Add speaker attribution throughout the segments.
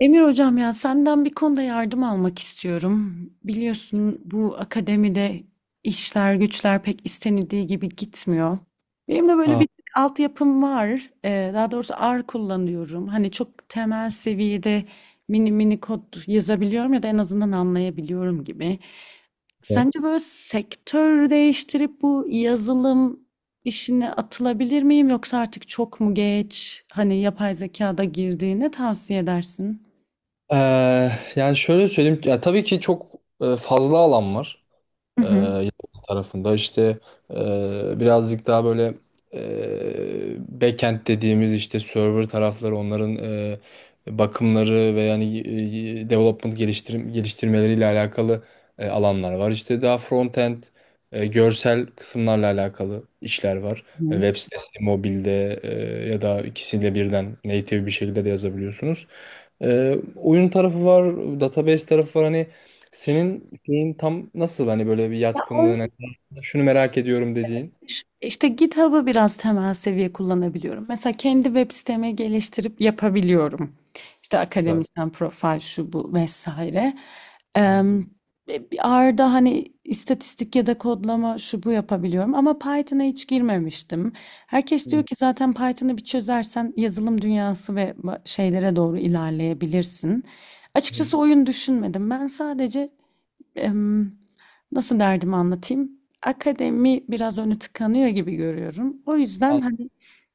Speaker 1: Emir hocam ya senden bir konuda yardım almak istiyorum. Biliyorsun bu akademide işler güçler pek istenildiği gibi gitmiyor. Benim de böyle
Speaker 2: Aa,
Speaker 1: bir tık altyapım var. Daha doğrusu R kullanıyorum. Hani çok temel seviyede mini mini kod yazabiliyorum ya da en azından anlayabiliyorum gibi.
Speaker 2: evet.
Speaker 1: Sence böyle sektör değiştirip bu yazılım işine atılabilir miyim yoksa artık çok mu geç? Hani yapay zekada girdiğini tavsiye edersin?
Speaker 2: Ee, Yani şöyle söyleyeyim, ya tabii ki çok fazla alan var.
Speaker 1: Hı hı.
Speaker 2: Yazılım tarafında, İşte birazcık daha böyle backend dediğimiz işte server tarafları, onların bakımları ve yani development, geliştirmeleriyle alakalı alanlar var. İşte daha frontend, görsel kısımlarla alakalı işler var.
Speaker 1: Hı.
Speaker 2: Web sitesi, mobilde ya da ikisiyle birden native bir şekilde de yazabiliyorsunuz. Oyun tarafı var, database tarafı var. Hani senin şeyin tam nasıl, hani böyle bir
Speaker 1: Ya o
Speaker 2: yatkınlığın, hani şunu merak ediyorum dediğin.
Speaker 1: işte GitHub'ı biraz temel seviye kullanabiliyorum. Mesela kendi web sitemi geliştirip yapabiliyorum. İşte
Speaker 2: Var.
Speaker 1: akademisyen profil şu bu vesaire.
Speaker 2: Hı
Speaker 1: Em, Bir R'da hani istatistik ya da kodlama şu bu yapabiliyorum ama Python'a hiç girmemiştim. Herkes diyor
Speaker 2: hı.
Speaker 1: ki zaten Python'ı bir çözersen yazılım dünyası ve şeylere doğru ilerleyebilirsin.
Speaker 2: Hı hı.
Speaker 1: Açıkçası oyun düşünmedim. Ben sadece em, nasıl derdimi anlatayım? Akademi biraz önü tıkanıyor gibi görüyorum. O yüzden hani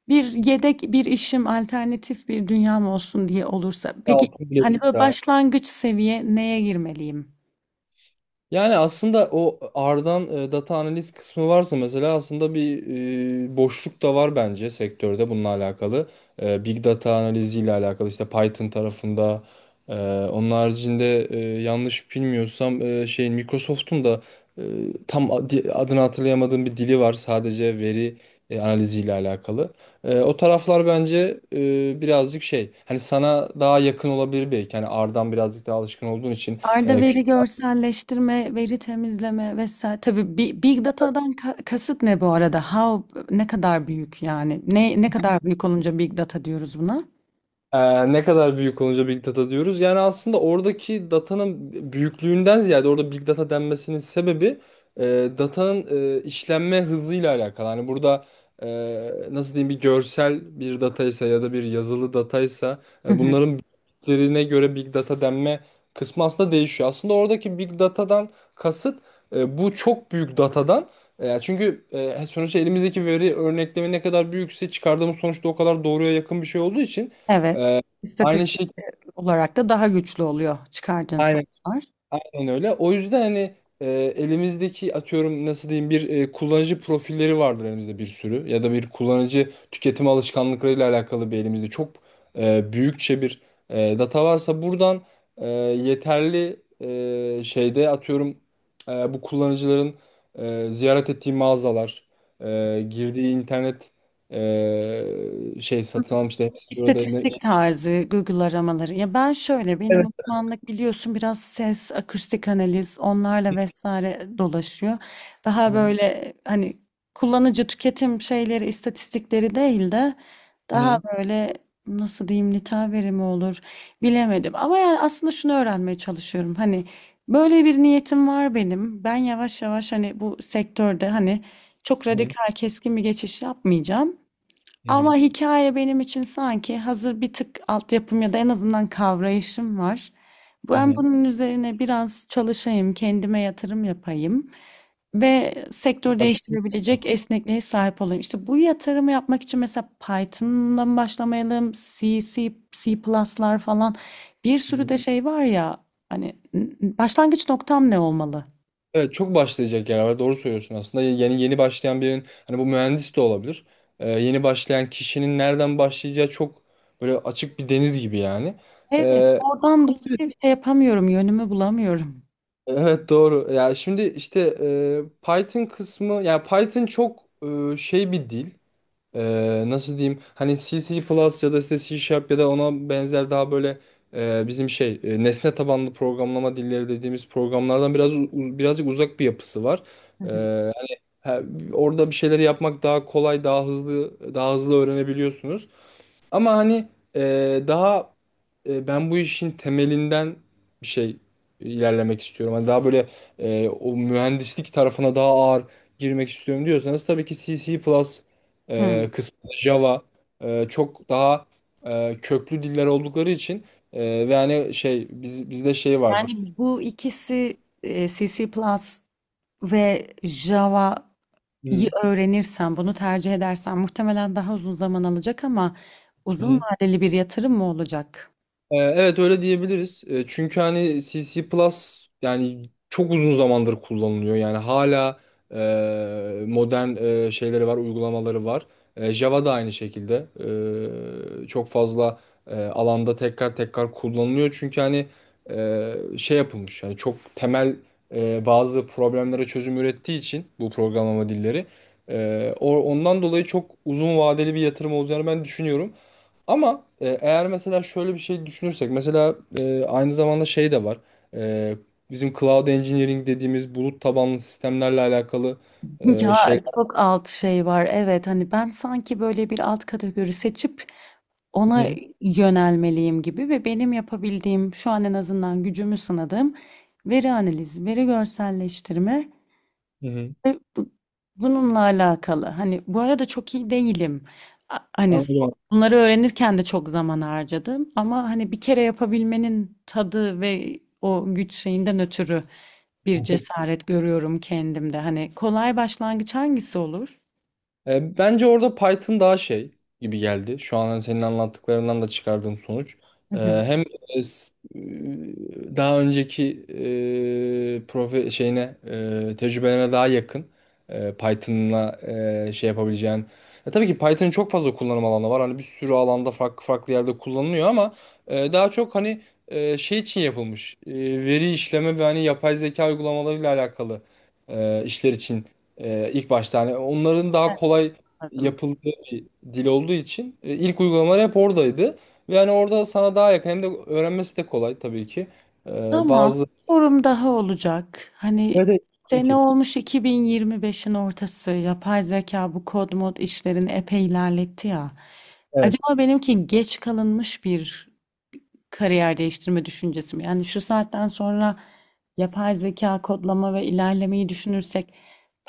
Speaker 1: bir yedek bir işim, alternatif bir dünyam olsun diye olursa. Peki
Speaker 2: Altın
Speaker 1: hani böyle
Speaker 2: bilezikler.
Speaker 1: başlangıç seviye neye girmeliyim?
Speaker 2: Yani aslında o R'dan data analiz kısmı varsa mesela, aslında bir boşluk da var bence sektörde bununla alakalı. Big data analiziyle alakalı, işte Python tarafında. E, Onun haricinde, yanlış bilmiyorsam, şeyin, Microsoft'un da e, tam adını hatırlayamadığım bir dili var, sadece veri analiziyle alakalı. O taraflar bence birazcık şey, hani sana daha yakın olabilir belki, hani R'dan birazcık daha alışkın olduğun için.
Speaker 1: Arda veri görselleştirme, veri temizleme vesaire. Tabii big data'dan kasıt ne bu arada? How ne kadar büyük yani? Ne kadar büyük olunca big data diyoruz buna?
Speaker 2: Ne kadar büyük olunca big data diyoruz? Yani aslında oradaki datanın büyüklüğünden ziyade, orada big data denmesinin sebebi datanın işlenme hızıyla alakalı. Hani burada e, nasıl diyeyim, bir görsel bir dataysa ya da bir yazılı dataysa,
Speaker 1: Hı hı.
Speaker 2: bunların büyüklüklerine göre big data denme kısmı aslında değişiyor. Aslında oradaki big datadan kasıt bu çok büyük datadan, çünkü sonuçta elimizdeki veri örneklemi ne kadar büyükse, çıkardığımız sonuçta o kadar doğruya yakın bir şey olduğu için.
Speaker 1: Evet.
Speaker 2: Aynı
Speaker 1: İstatistik
Speaker 2: şey,
Speaker 1: olarak da daha güçlü oluyor çıkardığın
Speaker 2: aynen,
Speaker 1: sonuçlar.
Speaker 2: aynen öyle. O yüzden hani e, elimizdeki, atıyorum, nasıl diyeyim, bir kullanıcı profilleri vardır elimizde bir sürü, ya da bir kullanıcı tüketim alışkanlıklarıyla alakalı bir, elimizde çok büyükçe bir data varsa, buradan yeterli şeyde, atıyorum bu kullanıcıların ziyaret ettiği mağazalar, girdiği internet, şey satın almıştı, hepsi burada. Hı
Speaker 1: İstatistik tarzı Google aramaları. Ya ben şöyle benim uzmanlık biliyorsun biraz ses, akustik analiz onlarla vesaire dolaşıyor. Daha
Speaker 2: hı.
Speaker 1: böyle hani kullanıcı tüketim şeyleri, istatistikleri değil de
Speaker 2: Hı
Speaker 1: daha
Speaker 2: hı.
Speaker 1: böyle nasıl diyeyim nitel verimi olur bilemedim. Ama yani aslında şunu öğrenmeye çalışıyorum. Hani böyle bir niyetim var benim. Ben yavaş yavaş hani bu sektörde hani çok radikal keskin bir geçiş yapmayacağım.
Speaker 2: Hı
Speaker 1: Ama
Speaker 2: hı.
Speaker 1: hikaye benim için sanki hazır bir tık altyapım ya da en azından kavrayışım var.
Speaker 2: Hı
Speaker 1: Ben
Speaker 2: hı.
Speaker 1: bunun üzerine biraz çalışayım, kendime yatırım yapayım ve sektör
Speaker 2: Başlayacak.
Speaker 1: değiştirebilecek esnekliğe sahip olayım. İşte bu yatırımı yapmak için mesela Python'la mı başlamayalım, C++'lar falan bir sürü de şey var ya hani başlangıç noktam ne olmalı?
Speaker 2: Evet, çok başlayacak yer var. Doğru söylüyorsun aslında. Yeni yeni başlayan birinin, hani bu mühendis de olabilir, yeni başlayan kişinin nereden başlayacağı çok böyle açık bir deniz gibi yani.
Speaker 1: Evet,
Speaker 2: Ee,
Speaker 1: oradan
Speaker 2: Aslında
Speaker 1: dolayı şey yapamıyorum, yönümü bulamıyorum.
Speaker 2: evet, doğru. Ya şimdi işte Python kısmı, yani Python çok şey bir dil. Nasıl diyeyim, hani C++, C Plus ya da işte C Sharp ya da ona benzer daha böyle, bizim şey, nesne tabanlı programlama dilleri dediğimiz programlardan biraz birazcık uzak bir yapısı var.
Speaker 1: Hı hı.
Speaker 2: Eee, hani ha, Orada bir şeyleri yapmak daha kolay, daha hızlı, daha hızlı öğrenebiliyorsunuz. Ama hani daha ben bu işin temelinden bir şey ilerlemek istiyorum, hani daha böyle o mühendislik tarafına daha ağır girmek istiyorum diyorsanız, tabii ki CC++
Speaker 1: Hı.
Speaker 2: kısmı, Java çok daha köklü diller oldukları için ve hani şey biz, bizde şey vardır.
Speaker 1: Bu ikisi CC ve Java'yı
Speaker 2: Hı
Speaker 1: öğrenirsem, bunu tercih edersen muhtemelen daha uzun zaman alacak ama uzun
Speaker 2: hı.
Speaker 1: vadeli bir yatırım mı olacak?
Speaker 2: Evet, öyle diyebiliriz. Çünkü hani C++, C Plus, yani çok uzun zamandır kullanılıyor. Yani hala modern şeyleri var, uygulamaları var. Java da aynı şekilde. Çok fazla alanda tekrar tekrar kullanılıyor. Çünkü hani şey yapılmış, yani çok temel bazı problemlere çözüm ürettiği için bu programlama dilleri. Ondan dolayı çok uzun vadeli bir yatırım olacağını ben düşünüyorum. Ama eğer mesela şöyle bir şey düşünürsek, mesela aynı zamanda şey de var. E, Bizim cloud engineering dediğimiz, bulut tabanlı sistemlerle alakalı
Speaker 1: Ya
Speaker 2: şeyler.
Speaker 1: çok alt şey var. Evet hani ben sanki böyle bir alt kategori seçip
Speaker 2: Hı
Speaker 1: ona
Speaker 2: hı.
Speaker 1: yönelmeliyim gibi ve benim yapabildiğim şu an en azından gücümü sınadığım veri analizi, veri görselleştirme
Speaker 2: Hı hı.
Speaker 1: ve bununla alakalı. Hani bu arada çok iyi değilim. Hani
Speaker 2: Anladım.
Speaker 1: bunları öğrenirken de çok zaman harcadım ama hani bir kere yapabilmenin tadı ve o güç şeyinden ötürü bir cesaret görüyorum kendimde. Hani kolay başlangıç hangisi olur?
Speaker 2: Bence orada Python daha şey gibi geldi, şu an hani senin anlattıklarından da çıkardığım sonuç.
Speaker 1: Hı hı,
Speaker 2: Hem e, s- e, daha önceki e, profe şeyine, tecrübelerine daha yakın, Python'la şey yapabileceğin. Tabii ki Python'ın çok fazla kullanım alanı var, hani bir sürü alanda farklı farklı yerde kullanılıyor, ama daha çok hani şey için yapılmış. Veri işleme ve hani yapay zeka uygulamalarıyla alakalı işler için ilk başta, hani onların daha kolay
Speaker 1: anladım.
Speaker 2: yapıldığı bir dil olduğu için ilk uygulamalar hep oradaydı. Ve hani orada sana daha yakın, hem de öğrenmesi de kolay tabii ki.
Speaker 1: Ama
Speaker 2: Bazı...
Speaker 1: sorum daha olacak. Hani
Speaker 2: Evet, evet, tabii
Speaker 1: sene
Speaker 2: ki.
Speaker 1: olmuş 2025'in ortası. Yapay zeka bu kod mod işlerini epey ilerletti ya.
Speaker 2: Evet.
Speaker 1: Acaba benimki geç kalınmış bir kariyer değiştirme düşüncesi mi? Yani şu saatten sonra yapay zeka kodlama ve ilerlemeyi düşünürsek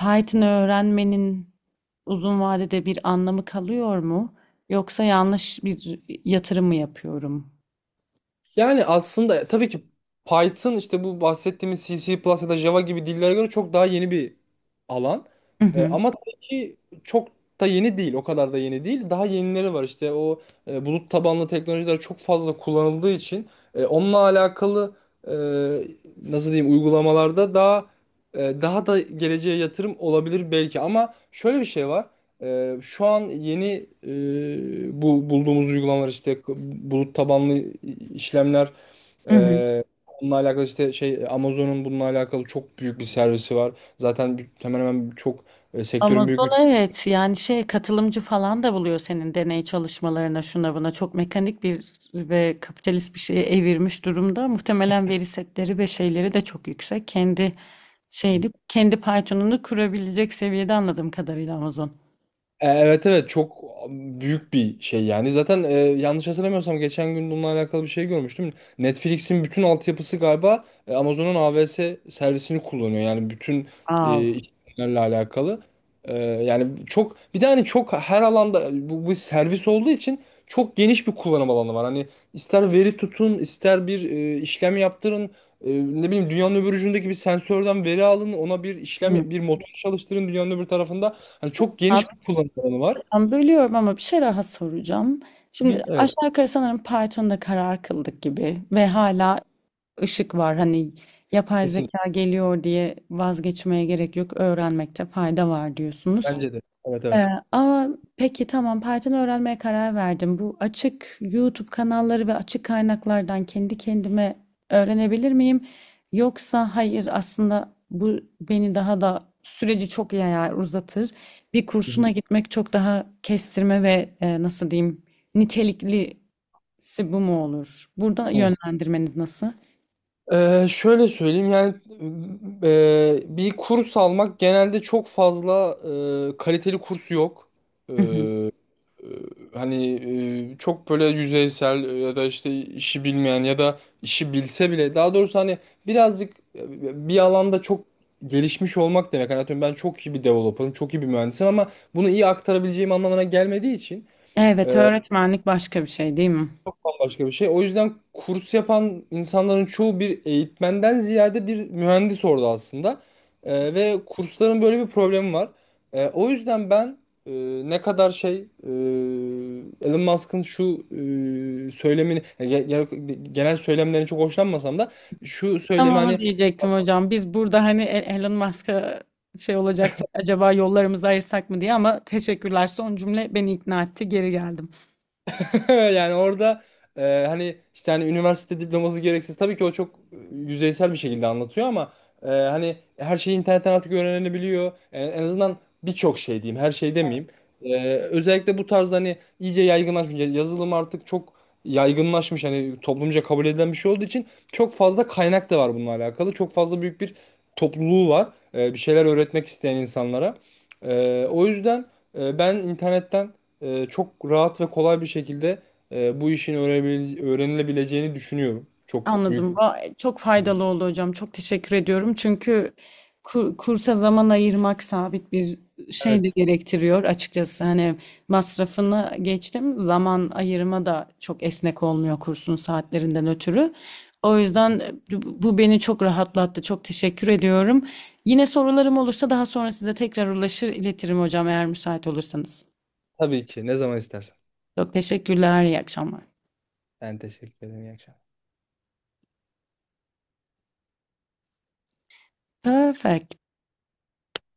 Speaker 1: Python öğrenmenin uzun vadede bir anlamı kalıyor mu? Yoksa yanlış bir yatırım mı yapıyorum?
Speaker 2: Yani aslında tabii ki Python, işte bu bahsettiğimiz C++, C plus ya da Java gibi dillere göre çok daha yeni bir alan.
Speaker 1: Hı hı.
Speaker 2: Ama tabii ki çok da yeni değil. O kadar da yeni değil. Daha yenileri var işte, o bulut tabanlı teknolojiler çok fazla kullanıldığı için onunla alakalı e, nasıl diyeyim uygulamalarda, daha daha da geleceğe yatırım olabilir belki, ama şöyle bir şey var. Şu an yeni bu bulduğumuz uygulamalar, işte bulut tabanlı işlemler,
Speaker 1: Hı hı.
Speaker 2: onunla alakalı, işte şey Amazon'un bununla alakalı çok büyük bir servisi var. Zaten hemen hemen çok sektörün büyük
Speaker 1: Amazon,
Speaker 2: bir...
Speaker 1: evet yani şey katılımcı falan da buluyor senin deney çalışmalarına şuna buna çok mekanik bir ve kapitalist bir şeye evirmiş durumda. Muhtemelen veri setleri ve şeyleri de çok yüksek. Kendi şeyli kendi Python'unu kurabilecek seviyede anladığım kadarıyla Amazon.
Speaker 2: Evet, evet, çok büyük bir şey yani. Zaten yanlış hatırlamıyorsam geçen gün bununla alakalı bir şey görmüştüm. Netflix'in bütün altyapısı galiba Amazon'un AWS servisini kullanıyor, yani bütün
Speaker 1: Aa,
Speaker 2: işlemlerle alakalı. Yani çok, bir de hani çok her alanda bu servis olduğu için çok geniş bir kullanım alanı var. Hani ister veri tutun, ister bir işlem yaptırın, ne bileyim, dünyanın öbür ucundaki bir sensörden veri alın, ona bir
Speaker 1: hı.
Speaker 2: işlem, bir motor çalıştırın dünyanın öbür tarafında. Hani çok
Speaker 1: Abi,
Speaker 2: geniş bir kullanım alanı var.
Speaker 1: ben bölüyorum ama bir şey daha soracağım.
Speaker 2: Hı.
Speaker 1: Şimdi
Speaker 2: Hı. Evet,
Speaker 1: aşağı yukarı sanırım Python'da karar kıldık gibi ve hala ışık var. Hani yapay
Speaker 2: kesinlikle.
Speaker 1: zeka geliyor diye vazgeçmeye gerek yok. Öğrenmekte fayda var diyorsunuz.
Speaker 2: Bence de. Evet,
Speaker 1: Ee,
Speaker 2: evet.
Speaker 1: ama peki tamam Python öğrenmeye karar verdim. Bu açık YouTube kanalları ve açık kaynaklardan kendi kendime öğrenebilir miyim? Yoksa hayır aslında bu beni daha da süreci çok yayar uzatır. Bir
Speaker 2: Hı hı.
Speaker 1: kursuna gitmek çok daha kestirme ve nasıl diyeyim niteliklisi bu mu olur? Burada
Speaker 2: Hı.
Speaker 1: yönlendirmeniz nasıl?
Speaker 2: Şöyle söyleyeyim, yani bir kurs almak, genelde çok fazla kaliteli kursu yok. Ee, e, Hani çok böyle yüzeysel, ya da işte işi bilmeyen, ya da işi bilse bile daha doğrusu hani birazcık bir alanda çok gelişmiş olmak demek, hani atıyorum ben çok iyi bir developer'ım, çok iyi bir mühendisim, ama bunu iyi aktarabileceğim anlamına gelmediği için
Speaker 1: Evet,
Speaker 2: e,
Speaker 1: öğretmenlik başka bir şey değil mi?
Speaker 2: bambaşka bir şey. O yüzden kurs yapan insanların çoğu bir eğitmenden ziyade bir mühendis orada aslında. Ve kursların böyle bir problemi var. O yüzden ben e, ne kadar şey, Elon Musk'ın şu e, söylemini, yani genel söylemlerini çok hoşlanmasam da şu
Speaker 1: Tam
Speaker 2: söylemi,
Speaker 1: onu
Speaker 2: hani...
Speaker 1: diyecektim hocam. Biz burada hani Elon Musk'a şey olacaksa acaba yollarımızı ayırsak mı diye ama teşekkürler. Son cümle beni ikna etti. Geri geldim.
Speaker 2: Yani orada hani işte hani üniversite diploması gereksiz. Tabii ki o çok yüzeysel bir şekilde anlatıyor, ama hani her şeyi internetten artık öğrenilebiliyor. En azından birçok şey diyeyim, her şey demeyeyim. Özellikle bu tarz hani iyice yaygınlaşmış. Yani yazılım artık çok yaygınlaşmış, hani toplumca kabul edilen bir şey olduğu için çok fazla kaynak da var bununla alakalı. Çok fazla büyük bir topluluğu var, bir şeyler öğretmek isteyen insanlara. O yüzden ben internetten çok rahat ve kolay bir şekilde bu işin öğrenilebileceğini düşünüyorum. Çok büyük.
Speaker 1: Anladım. Çok faydalı oldu hocam. Çok teşekkür ediyorum. Çünkü kursa zaman ayırmak sabit bir şey de
Speaker 2: Evet.
Speaker 1: gerektiriyor açıkçası. Hani masrafını geçtim. Zaman ayırma da çok esnek olmuyor kursun saatlerinden ötürü. O yüzden bu beni çok rahatlattı. Çok teşekkür ediyorum. Yine sorularım olursa daha sonra size tekrar ulaşır iletirim hocam eğer müsait olursanız.
Speaker 2: Tabii ki. Ne zaman istersen.
Speaker 1: Çok teşekkürler. İyi akşamlar.
Speaker 2: Ben teşekkür ederim. İyi akşamlar.
Speaker 1: Perfect.